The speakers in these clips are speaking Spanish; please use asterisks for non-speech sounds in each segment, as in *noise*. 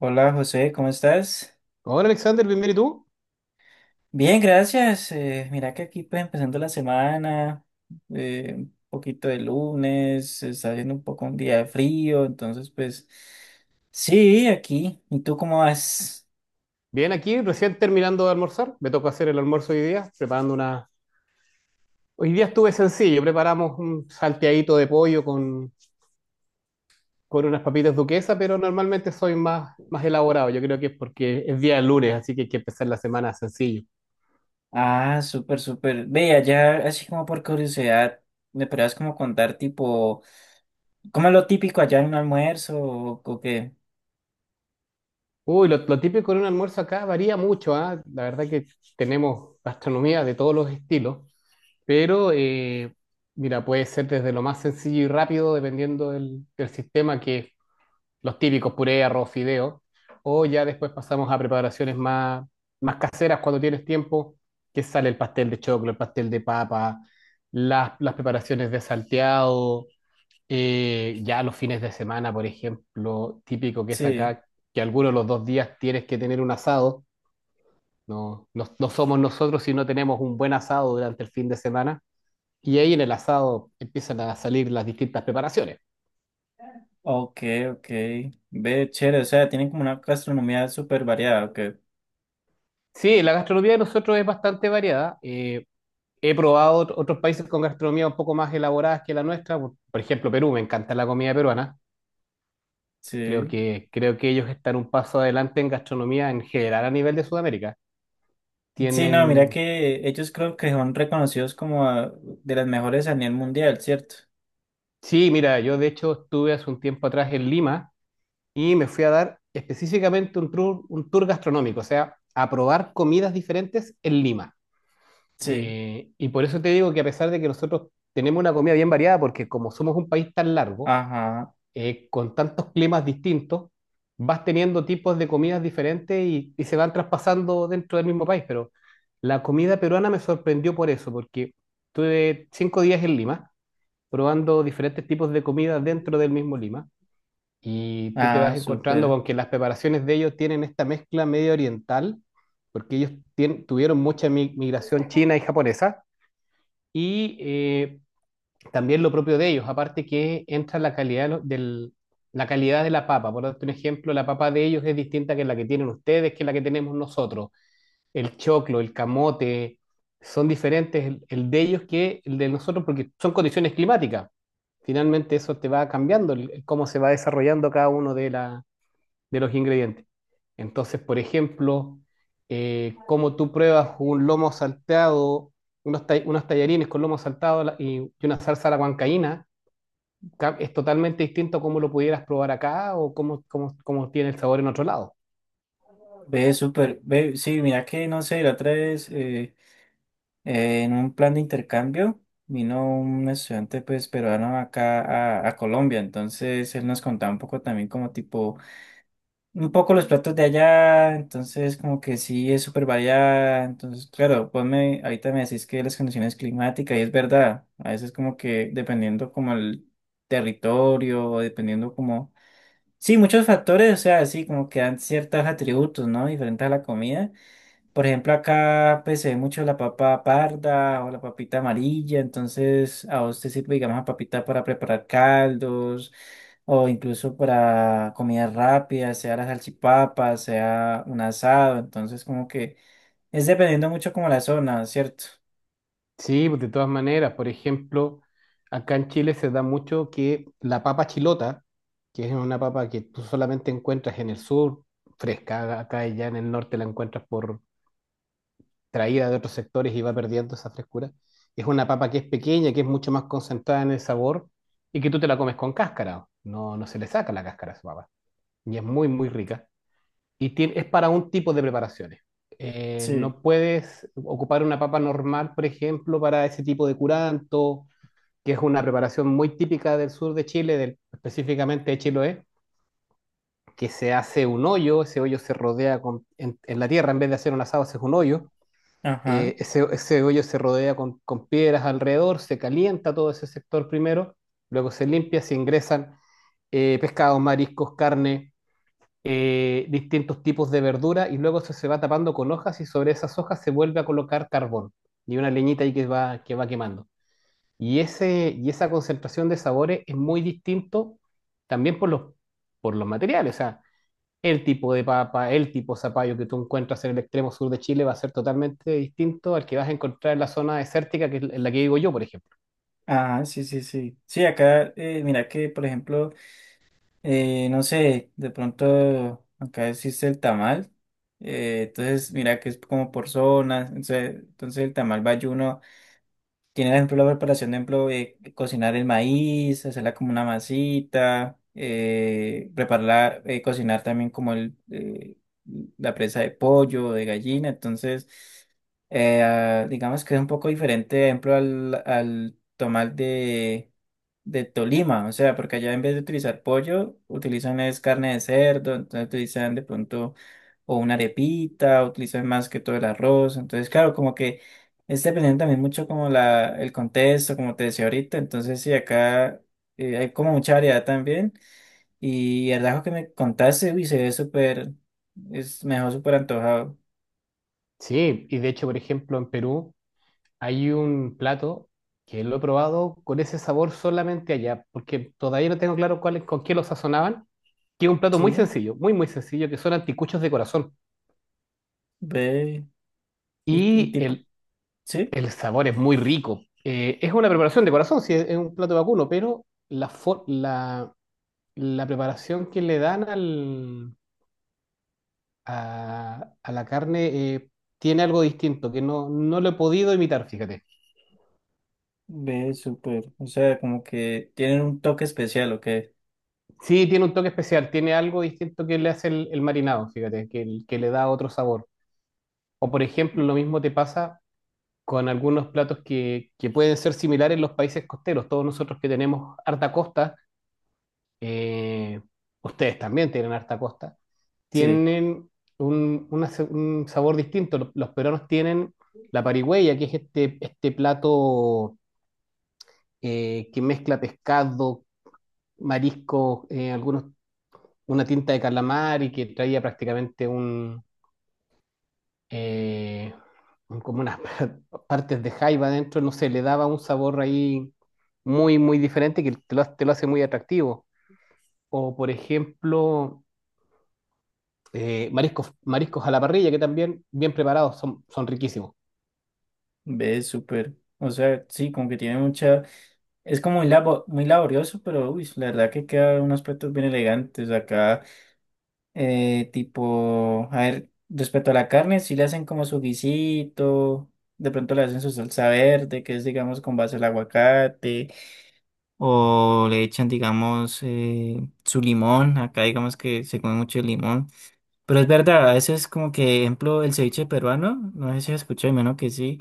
Hola José, ¿cómo estás? Hola Alexander, bienvenido. ¿Y tú? Bien, gracias. Mira que aquí pues empezando la semana, un poquito de lunes, se está haciendo un poco un día de frío, entonces pues sí, aquí. ¿Y tú cómo vas? Bien aquí, recién terminando de almorzar. Me tocó hacer el almuerzo hoy día, preparando una. Hoy día estuve sencillo, preparamos un salteadito de pollo con unas papitas duquesa, pero normalmente soy más elaborado. Yo creo que es porque es día de lunes, así que hay que empezar la semana sencillo. Ah, súper, súper. Vea, ya así como por curiosidad, ¿me podrías como contar tipo, cómo es lo típico allá en un almuerzo o qué? Uy, lo típico en un almuerzo acá varía mucho, ¿ah? La verdad que tenemos gastronomía de todos los estilos, pero mira, puede ser desde lo más sencillo y rápido, dependiendo del sistema que los típicos puré, arroz, fideo, o ya después pasamos a preparaciones más caseras cuando tienes tiempo, que sale el pastel de choclo, el pastel de papa, las preparaciones de salteado, ya los fines de semana, por ejemplo, típico que es Sí. acá, que algunos de los 2 días tienes que tener un asado, no, no, no somos nosotros si no tenemos un buen asado durante el fin de semana, y ahí en el asado empiezan a salir las distintas preparaciones. Ok, ok. Ve, chévere, o sea, tienen como una gastronomía súper variada, ok. Sí, la gastronomía de nosotros es bastante variada. He probado otros países con gastronomía un poco más elaboradas que la nuestra. Por ejemplo, Perú, me encanta la comida peruana. Creo Sí. que, creo que ellos están un paso adelante en gastronomía en general a nivel de Sudamérica. Sí, no, mira Tienen. que ellos creo que son reconocidos como ah, de las mejores a nivel mundial, ¿cierto? Sí, mira, yo de hecho estuve hace un tiempo atrás en Lima y me fui a dar específicamente un tour gastronómico, o sea, a probar comidas diferentes en Lima. Sí, Y por eso te digo que a pesar de que nosotros tenemos una comida bien variada, porque como somos un país tan largo, ajá, con tantos climas distintos, vas teniendo tipos de comidas diferentes y se van traspasando dentro del mismo país. Pero la comida peruana me sorprendió por eso, porque tuve 5 días en Lima, probando diferentes tipos de comida dentro del mismo Lima, y tú te ah, vas encontrando con que las preparaciones de ellos tienen esta mezcla medio oriental, porque ellos tuvieron mucha migración china y japonesa, y también lo propio de ellos, aparte que entra la calidad de la calidad de la papa. Por darte un ejemplo, la papa de ellos es distinta que la que tienen ustedes, que la que tenemos nosotros. El choclo, el camote, son diferentes el de ellos que el de nosotros porque son condiciones climáticas. Finalmente eso te va cambiando el cómo se va desarrollando cada uno de los ingredientes. Entonces, por ejemplo, como tú pruebas un lomo salteado, unos tallarines con lomo saltado y una salsa a la huancaína, es totalmente distinto a cómo lo pudieras probar acá o cómo tiene el sabor en otro lado. Súper, ve, sí, mira que, no sé, la otra vez en un plan de intercambio vino un estudiante pues peruano acá a Colombia, entonces él nos contaba un poco también como tipo un poco los platos de allá, entonces como que sí es súper variada, entonces claro, vos me, ahorita me decís que las condiciones climáticas, y es verdad, a veces como que dependiendo como el territorio, o dependiendo como, sí, muchos factores, o sea, sí, como que dan ciertos atributos, ¿no? Diferentes a la comida. Por ejemplo, acá pues se ve mucho la papa parda o la papita amarilla, entonces a vos te sirve, digamos, la papita para preparar caldos o incluso para comidas rápidas, sea las salchipapas, sea un asado, entonces como que es dependiendo mucho como la zona, ¿cierto? Sí, pues de todas maneras, por ejemplo, acá en Chile se da mucho que la papa chilota, que es una papa que tú solamente encuentras en el sur, fresca, acá y ya en el norte la encuentras por traída de otros sectores y va perdiendo esa frescura. Es una papa que es pequeña, que es mucho más concentrada en el sabor y que tú te la comes con cáscara. No, no se le saca la cáscara a esa papa. Y es muy, muy rica. Y es para un tipo de preparaciones. Sí, No puedes ocupar una papa normal, por ejemplo, para ese tipo de curanto, que es una preparación muy típica del sur de Chile, específicamente de Chiloé, que se hace un hoyo, ese hoyo se rodea en la tierra, en vez de hacer un asado, haces un hoyo, ajá, ese hoyo se rodea con piedras alrededor, se calienta todo ese sector primero, luego se limpia, se ingresan pescados, mariscos, carne, distintos tipos de verdura y luego eso se va tapando con hojas y sobre esas hojas se vuelve a colocar carbón y una leñita ahí que va quemando. Y esa concentración de sabores es muy distinto también por los materiales. O sea, el tipo de papa, el tipo de zapallo que tú encuentras en el extremo sur de Chile va a ser totalmente distinto al que vas a encontrar en la zona desértica, que es en la que vivo yo, por ejemplo. ajá, sí, sí, sí. Sí, acá, mira que, por ejemplo, no sé, de pronto acá existe el tamal, entonces mira que es como por zonas, entonces, entonces el tamal bayuno tiene, por ejemplo, la preparación de, ejemplo, cocinar el maíz, hacerla como una masita, prepararla, cocinar también como el, la presa de pollo, de gallina. Entonces, ah, digamos que es un poco diferente, por ejemplo, al, al tomar de Tolima. O sea, porque allá en vez de utilizar pollo, utilizan es carne de cerdo, entonces utilizan de pronto o una arepita, utilizan más que todo el arroz. Entonces, claro, como que es dependiendo también mucho como la, el contexto, como te decía ahorita, entonces sí, acá hay como mucha variedad también y el ajo que me contaste, uy, se ve súper, es mejor súper antojado. Sí, y de hecho, por ejemplo, en Perú hay un plato que lo he probado con ese sabor solamente allá, porque todavía no tengo claro cuál, con qué lo sazonaban, que es un plato muy Sí, sencillo, muy, muy sencillo, que son anticuchos de corazón. ve, y Y tipo, el, sí, el sabor es muy rico. Es una preparación de corazón, sí, es un plato vacuno, pero la preparación que le dan a la carne tiene algo distinto, que no lo he podido imitar, fíjate. ve súper, o sea, como que tienen un toque especial, ¿o qué? Sí, tiene un toque especial, tiene algo distinto que le hace el marinado, fíjate, que le da otro sabor. O por ejemplo, lo mismo te pasa con algunos platos que pueden ser similares en los países costeros. Todos nosotros que tenemos harta costa, eh, ustedes también tienen harta costa, Sí, tienen un sabor distinto. Los peruanos tienen la parigüeya, que es este plato que mezcla pescado, marisco, una tinta de calamar y que traía prácticamente eh, como unas *laughs* partes de jaiba adentro, no sé, le daba un sabor ahí muy, muy diferente que te lo hace muy atractivo. O, por ejemplo, mariscos, mariscos a la parrilla, que también bien preparados son, son riquísimos. ve súper, o sea, sí, como que tiene mucha... Es como muy, labo- muy laborioso, pero uy, la verdad que queda unos aspectos bien elegantes. Acá tipo, a ver, respecto a la carne, si le hacen como su guisito, de pronto le hacen su salsa verde, que es, digamos, con base al aguacate, o le echan, digamos, su limón, acá digamos que se come mucho el limón, pero es verdad, a veces como que, ejemplo, el ceviche peruano, no sé si has escuchado, menos que sí.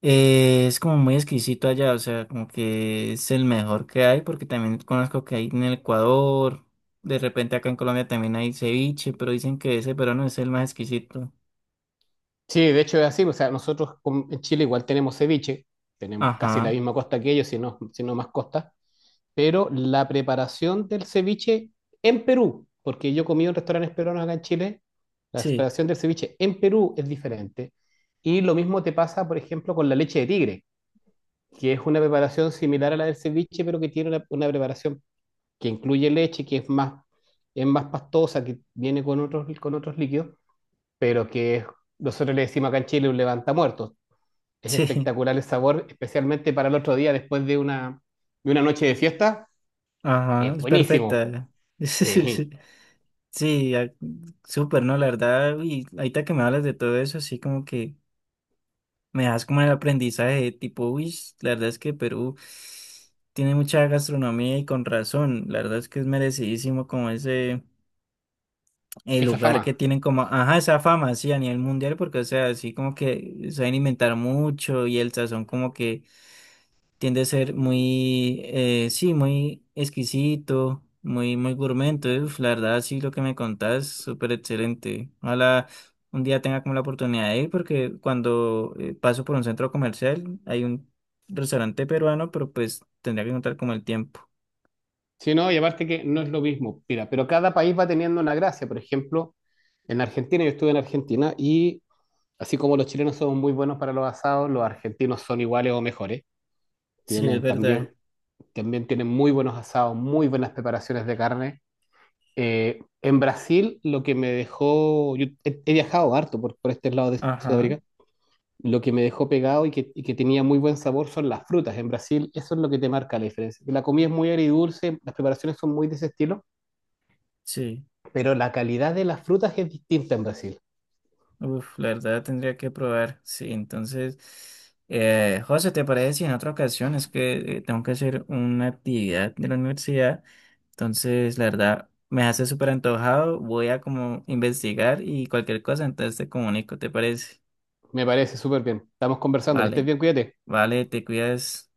Es como muy exquisito allá, o sea, como que es el mejor que hay, porque también conozco que hay en el Ecuador, de repente acá en Colombia también hay ceviche, pero dicen que ese peruano es el más exquisito. Sí, de hecho es así, o sea, nosotros en Chile igual tenemos ceviche, tenemos casi la Ajá, misma costa que ellos, si no, si no más costa, pero la preparación del ceviche en Perú, porque yo comí en restaurantes peruanos acá en Chile, la sí, preparación del ceviche en Perú es diferente. Y lo mismo te pasa, por ejemplo, con la leche de tigre, que es una preparación similar a la del ceviche, pero que tiene una preparación que incluye leche, que es más pastosa, que viene con otros líquidos, pero nosotros le decimos acá en Chile un levantamuertos. Es *laughs* sí, espectacular el sabor, especialmente para el otro día después de una noche de fiesta. ajá, Es es buenísimo. perfecta. Sí, *laughs* Sí, ah, súper, ¿no? La verdad, y ahorita que me hablas de todo eso, así como que me das como el aprendizaje, tipo, uy, la verdad es que Perú tiene mucha gastronomía y con razón, la verdad es que es merecidísimo como ese el esa lugar que fama. tienen como, ajá, esa fama, así a nivel mundial, porque, o sea, así como que saben inventar mucho y el sazón como que tiende a ser muy, sí, muy exquisito, muy, muy gourmet, entonces, uf, la verdad, sí, lo que me contás, súper excelente. Ojalá un día tenga como la oportunidad de ir, porque cuando paso por un centro comercial, hay un restaurante peruano, pero pues tendría que contar como el tiempo. Sí, no, y aparte que no es lo mismo. Mira, pero cada país va teniendo una gracia. Por ejemplo, en Argentina, yo estuve en Argentina y así como los chilenos son muy buenos para los asados, los argentinos son iguales o mejores. Sí, es Tienen también verdad. También tienen muy buenos asados, muy buenas preparaciones de carne. En Brasil, lo que me dejó, yo he viajado harto por este lado de Ajá, Sudamérica, lo que me dejó pegado y que tenía muy buen sabor son las frutas. En Brasil, eso es lo que te marca la diferencia. La comida es muy agridulce, las preparaciones son muy de ese estilo, sí. pero la calidad de las frutas es distinta en Brasil. Uf, la verdad tendría que probar. Sí, entonces, José, ¿te parece si en otra ocasión es que tengo que hacer una actividad de la universidad? Entonces, la verdad, me hace súper antojado. Voy a como investigar y cualquier cosa, entonces te comunico, ¿te parece? Me parece súper bien. Estamos conversando, que estés Vale, bien, cuídate. vale, te cuidas.